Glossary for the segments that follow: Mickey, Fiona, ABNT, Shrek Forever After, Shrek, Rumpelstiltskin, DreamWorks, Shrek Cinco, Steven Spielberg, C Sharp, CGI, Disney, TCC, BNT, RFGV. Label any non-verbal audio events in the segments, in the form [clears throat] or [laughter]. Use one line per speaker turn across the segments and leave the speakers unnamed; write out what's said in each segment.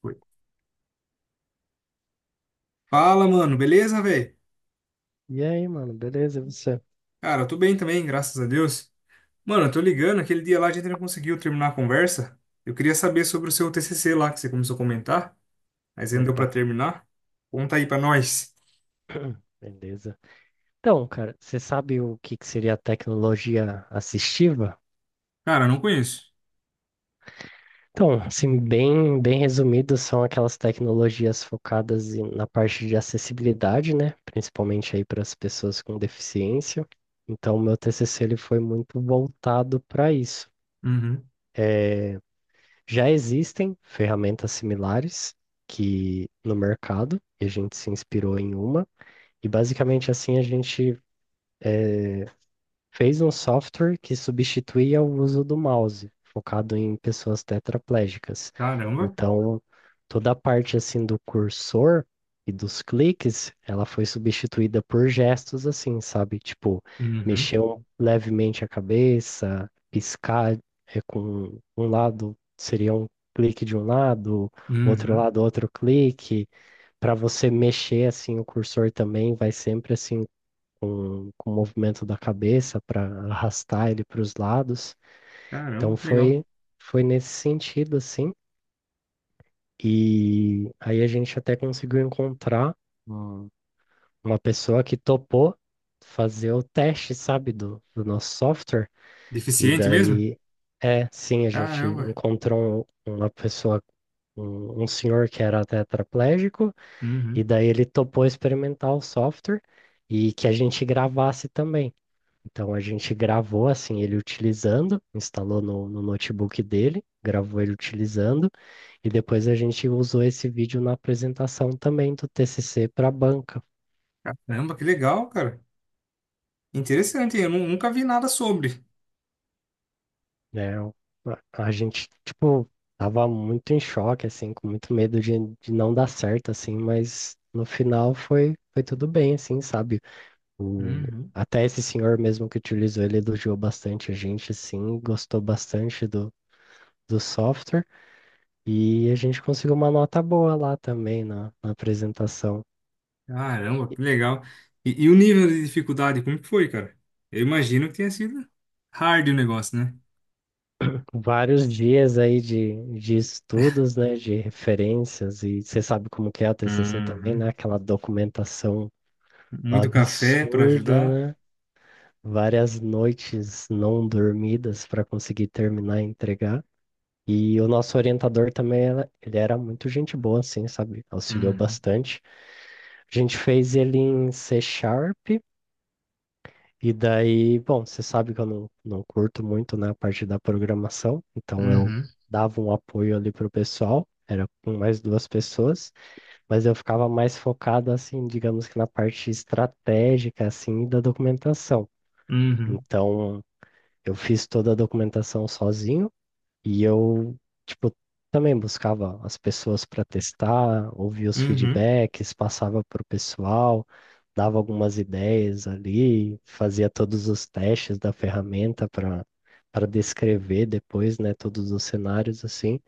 Foi. Fala, mano, beleza, velho?
E aí, mano, beleza? E você?
Cara, eu tô bem também, graças a Deus. Mano, eu tô ligando, aquele dia lá a gente não conseguiu terminar a conversa. Eu queria saber sobre o seu TCC lá que você começou a comentar, mas ainda deu
Opa,
pra terminar. Conta aí pra nós.
[clears throat] beleza. Então, cara, você sabe o que que seria a tecnologia assistiva?
Cara, eu não conheço.
Então, assim, bem resumido, são aquelas tecnologias focadas na parte de acessibilidade, né? Principalmente aí para as pessoas com deficiência. Então, o meu TCC ele foi muito voltado para isso.
Uhum.
Já existem ferramentas similares que no mercado, e a gente se inspirou em uma. E basicamente assim a gente fez um software que substituía o uso do mouse, focado em pessoas tetraplégicas.
Caramba.
Então, toda a parte assim do cursor e dos cliques, ela foi substituída por gestos assim, sabe? Tipo,
Uhum.
mexer levemente a cabeça, piscar com um lado seria um clique de um
Uhum.
lado outro clique. Para você mexer assim o cursor também vai sempre assim com o movimento da cabeça para arrastar ele para os lados. Então
Caramba, que legal.
foi nesse sentido, assim. E aí a gente até conseguiu encontrar um- uma pessoa que topou fazer o teste, sabe, do nosso software. E
Deficiente mesmo?
daí, é, sim, a gente
Caramba.
encontrou uma pessoa, um senhor que era tetraplégico,
Uhum.
e daí ele topou experimentar o software e que a gente gravasse também. Então a gente gravou assim ele utilizando, instalou no notebook dele, gravou ele utilizando e depois a gente usou esse vídeo na apresentação também do TCC para a banca,
Caramba, que legal, cara. Interessante, eu nunca vi nada sobre.
né? A gente tipo tava muito em choque assim, com muito medo de não dar certo assim, mas no final foi tudo bem assim, sabe? O
Uhum.
Até esse senhor mesmo que utilizou ele elogiou bastante a gente assim, gostou bastante do software. E a gente conseguiu uma nota boa lá também na apresentação.
Caramba, que legal. E o nível de dificuldade, como que foi, cara? Eu imagino que tenha sido hard o negócio, né?
Vários dias aí de estudos, né, de referências, e você sabe como que é a TCC também, né,
Uhum.
aquela documentação
Muito café para
absurda,
ajudar.
né, várias noites não dormidas para conseguir terminar e entregar. E o nosso orientador também, ele era muito gente boa, assim, sabe, auxiliou
Uhum.
bastante. A gente fez ele em C Sharp. E daí, bom, você sabe que eu não curto muito, né, a parte da programação, então eu
Uhum.
dava um apoio ali pro pessoal, era com mais duas pessoas, mas eu ficava mais focado, assim, digamos que na parte estratégica, assim, da documentação.
Uhum.
Então, eu fiz toda a documentação sozinho, e eu, tipo, também buscava as pessoas para testar, ouvia os
Uhum.
feedbacks, passava para o pessoal, dava algumas ideias ali, fazia todos os testes da ferramenta para descrever depois, né, todos os cenários assim.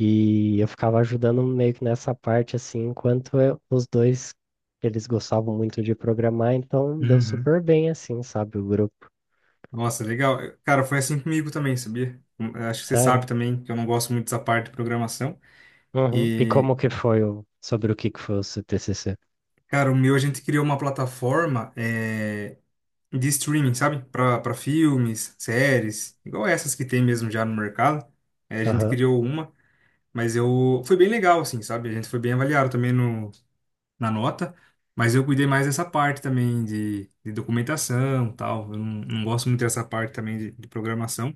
E eu ficava ajudando meio que nessa parte assim, enquanto os dois eles gostavam muito de programar, então deu
Uhum.
super bem assim, sabe, o grupo.
Nossa, legal. Cara, foi assim comigo também, sabia? Eu acho que você
Sério?
sabe também que eu não gosto muito dessa parte de programação.
Uhum. E
E,
como que foi sobre o que que foi o seu TCC?
cara, o meu a gente criou uma plataforma de streaming, sabe? Para filmes, séries, igual essas que tem mesmo já no mercado. É, a gente
Aham.
criou uma. Mas eu. Foi bem legal, assim, sabe? A gente foi bem avaliado também no, na nota. Mas eu cuidei mais dessa parte também de documentação e tal. Eu não gosto muito dessa parte também de programação.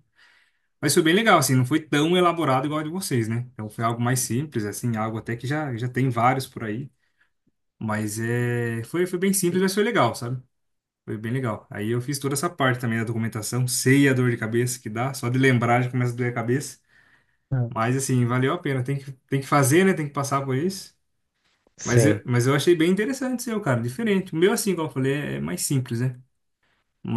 Mas foi bem legal, assim, não foi tão elaborado igual a de vocês, né? Então foi algo mais simples, assim, algo até que já tem vários por aí. Mas foi bem simples, mas foi legal, sabe? Foi bem legal. Aí eu fiz toda essa parte também da documentação, sei a dor de cabeça que dá, só de lembrar já começa a doer a cabeça.
Ah,
Mas assim, valeu a pena, tem que fazer, né? Tem que passar por isso.
sim.
Mas eu achei bem interessante o seu, cara, diferente. O meu, assim, como eu falei, é mais simples, né?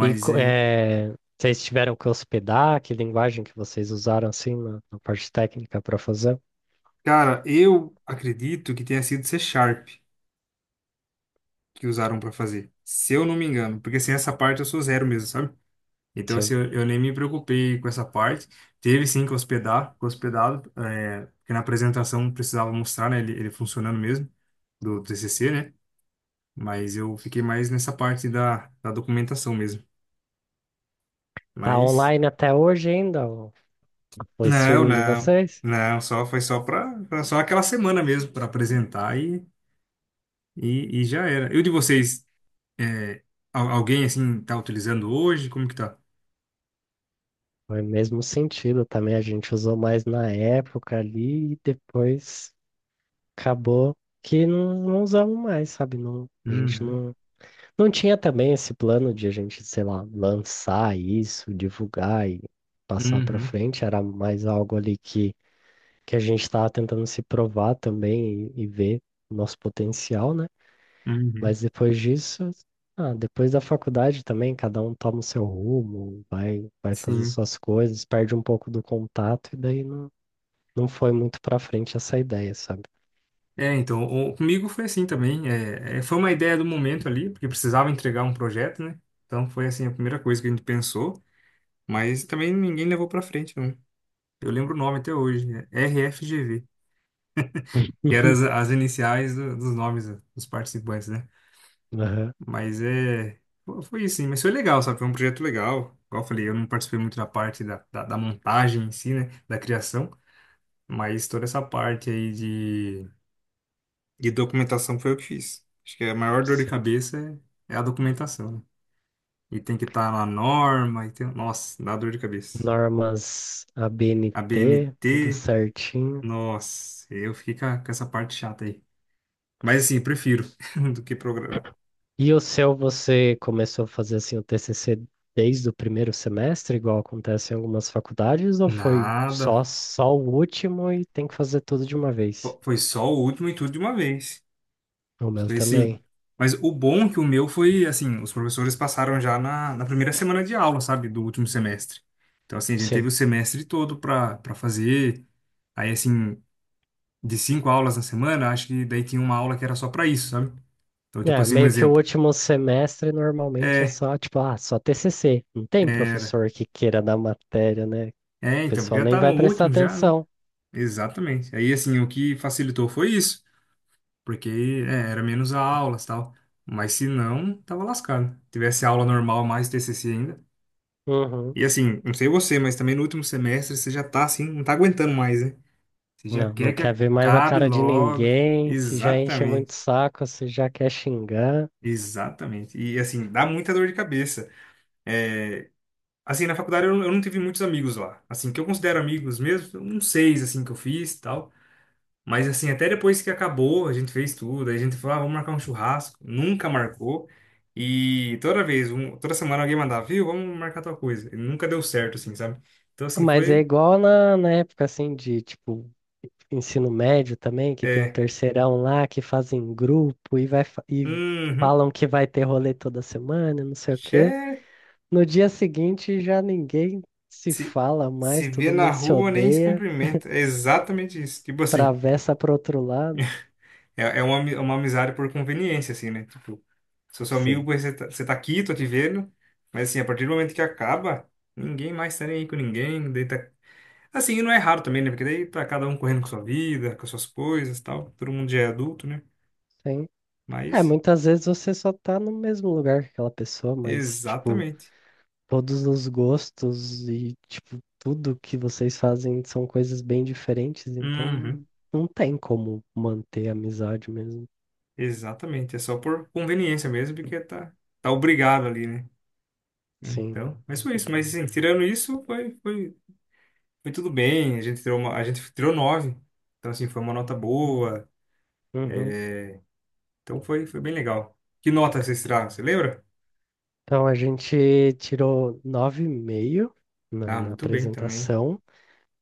Vocês tiveram que hospedar? Que linguagem que vocês usaram assim na parte técnica para fazer?
cara, eu acredito que tenha sido C Sharp que usaram pra fazer, se eu não me engano. Porque, assim, essa parte eu sou zero mesmo, sabe? Então, assim,
Sim.
eu nem me preocupei com essa parte. Teve, sim, que hospedar, que hospedado, é, porque na apresentação precisava mostrar, né, ele funcionando mesmo, do T C# C, né? Mas eu fiquei mais nessa parte da documentação mesmo.
Tá
Mas
online até hoje ainda o
Não,
streaming de
não,
vocês?
não, só foi só para só aquela semana mesmo para apresentar e já era. E o de vocês, é, alguém assim tá utilizando hoje? Como que tá?
Foi o mesmo sentido também. A gente usou mais na época ali e depois acabou que não usamos mais, sabe? Não, a gente
Uhum,
não tinha também esse plano de a gente, sei lá, lançar isso, divulgar e passar para
uhum,
frente. Era mais algo ali que a gente estava tentando se provar também e ver o nosso potencial, né?
uhum,
Mas depois disso, ah, depois da faculdade também, cada um toma o seu rumo, vai fazer
sim.
suas coisas, perde um pouco do contato e daí não foi muito pra frente essa ideia, sabe?
É, então, o, comigo foi assim também. É, é, foi uma ideia do momento ali, porque precisava entregar um projeto, né? Então foi assim a primeira coisa que a gente pensou, mas também ninguém levou para frente, não. Eu lembro o nome até hoje, é RFGV, que eram
[laughs]
as iniciais dos nomes dos participantes, né?
Aham,
Mas é. Foi isso, sim. Mas foi legal, sabe? Foi um projeto legal. Igual eu falei, eu não participei muito da parte da montagem em si, né? Da criação. Mas toda essa parte aí de documentação foi eu que fiz. Acho que a maior dor de
sim.
cabeça é a documentação, né? E tem que estar na norma. E tem Nossa, dá dor de cabeça.
Normas
A
ABNT, tudo
BNT,
certinho.
nossa, eu fiquei com, com essa parte chata aí. Mas assim, prefiro [laughs] do que programar.
E o seu, você começou a fazer assim o TCC desde o primeiro semestre, igual acontece em algumas faculdades, ou foi só
Nada.
só o último e tem que fazer tudo de uma vez?
Foi só o último e tudo de uma vez.
O meu
Foi assim.
também.
Mas o bom é que o meu foi, assim, os professores passaram já na primeira semana de aula, sabe, do último semestre. Então, assim, a gente teve
Sim.
o semestre todo para fazer. Aí, assim, de cinco aulas na semana, acho que daí tinha uma aula que era só para isso, sabe? Então, tipo
É,
assim, um
meio que o
exemplo.
último semestre normalmente é
É,
só, tipo, ah, só TCC. Não tem
era.
professor que queira dar matéria, né? O
É, então, porque
pessoal
já
nem
tá no
vai prestar
último já, né?
atenção.
Exatamente. Aí, assim, o que facilitou foi isso, porque era menos aulas e tal. Mas se não, tava lascado. Tivesse aula normal mais TCC ainda.
Uhum.
E assim, não sei você, mas também no último semestre você já tá assim, não tá aguentando mais, né? Você já
Não, não
quer que
quer ver mais a
acabe
cara de
logo.
ninguém. Se já enche muito o
Exatamente,
saco, se já quer xingar.
exatamente. E assim, dá muita dor de cabeça. É, assim, na faculdade eu não tive muitos amigos lá. Assim, que eu considero amigos mesmo, uns seis, assim, que eu fiz e tal. Mas assim, até depois que acabou, a gente fez tudo, aí a gente falou, ah, vamos marcar um churrasco. Nunca marcou. E toda vez, toda semana alguém mandava, viu, vamos marcar tal coisa. E nunca deu certo, assim, sabe? Então assim,
Mas é
foi.
igual na época assim de tipo ensino médio também, que tem o
É,
terceirão lá que fazem grupo e vai e
uhum.
falam que vai ter rolê toda semana, não sei o
Xé,
quê. No dia seguinte já ninguém se
se,
fala mais,
se vê
todo
na
mundo se
rua, nem se
odeia,
cumprimenta. É exatamente isso. Tipo assim,
atravessa pro outro lado.
é uma, uma amizade por conveniência, assim, né? Tipo, sou seu amigo,
Sim,
porque você tá aqui, tô te vendo. Mas assim, a partir do momento que acaba, ninguém mais tá nem aí com ninguém. Daí tá Assim, e não é raro também, né? Porque daí tá cada um correndo com sua vida, com suas coisas e tal. Todo mundo já é adulto, né?
sim. É,
Mas,
muitas vezes você só tá no mesmo lugar que aquela pessoa, mas tipo
exatamente.
todos os gostos e, tipo, tudo que vocês fazem são coisas bem diferentes,
Uhum.
então não tem como manter a amizade mesmo.
Exatamente. É só por conveniência mesmo, porque tá obrigado ali, né?
Sim.
Então, mas foi isso. Mas assim, tirando isso, foi tudo bem. A gente tirou 9. Então, assim, foi uma nota boa.
Uhum.
Então, foi bem legal. Que nota vocês tiraram? Você lembra?
Então a gente tirou 9,5 na,
Ah,
na
muito bem também.
apresentação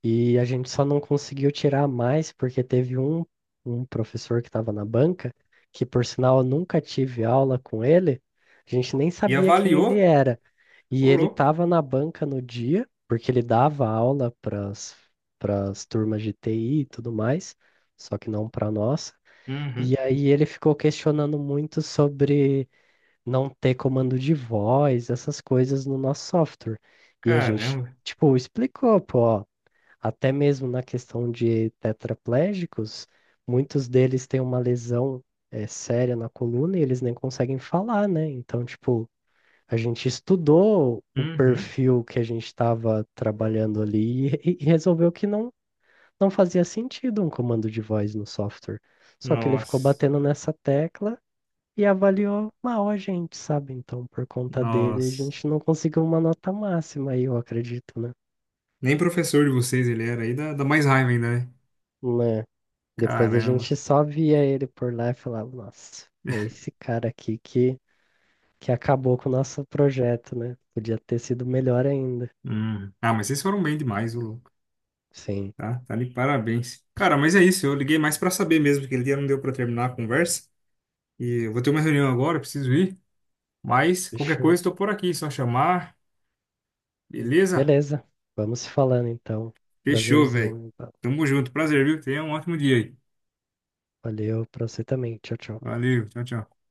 e a gente só não conseguiu tirar mais porque teve um professor que estava na banca, que por sinal eu nunca tive aula com ele, a gente nem
E
sabia quem ele
avaliou?
era. E
Ô,
ele
louco.
estava na banca no dia, porque ele dava aula para as turmas de TI e tudo mais, só que não para nossa. E
Uhum.
aí ele ficou questionando muito sobre não ter comando de voz, essas coisas no nosso software. E a gente,
Caramba.
tipo, explicou, pô, ó, até mesmo na questão de tetraplégicos, muitos deles têm uma lesão, séria na coluna e eles nem conseguem falar, né? Então, tipo a gente estudou o
Uhum.
perfil que a gente estava trabalhando ali e resolveu que não fazia sentido um comando de voz no software. Só que ele ficou
Nossa.
batendo nessa tecla e avaliou mal a gente, sabe? Então, por conta dele, a
Nossa.
gente não conseguiu uma nota máxima aí, eu acredito, né?
Nem professor de vocês ele era aí, dá mais raiva ainda, né?
Né? Depois a
Caramba.
gente só via ele por lá e falava, nossa, é esse cara aqui que acabou com o nosso projeto, né? Podia ter sido melhor ainda.
Hum. Ah, mas vocês foram bem demais, ô louco.
Sim,
Tá de parabéns. Cara, mas é isso. Eu liguei mais pra saber mesmo, que ele dia não deu pra terminar a conversa. E eu vou ter uma reunião agora, eu preciso ir. Mas qualquer coisa,
deixa.
estou por aqui, só chamar. Beleza?
Beleza. Vamos se falando então.
Fechou, velho.
Prazerzão.
Tamo junto. Prazer, viu? Tenha um ótimo dia aí.
Valeu pra você também. Tchau, tchau.
Valeu, tchau, tchau.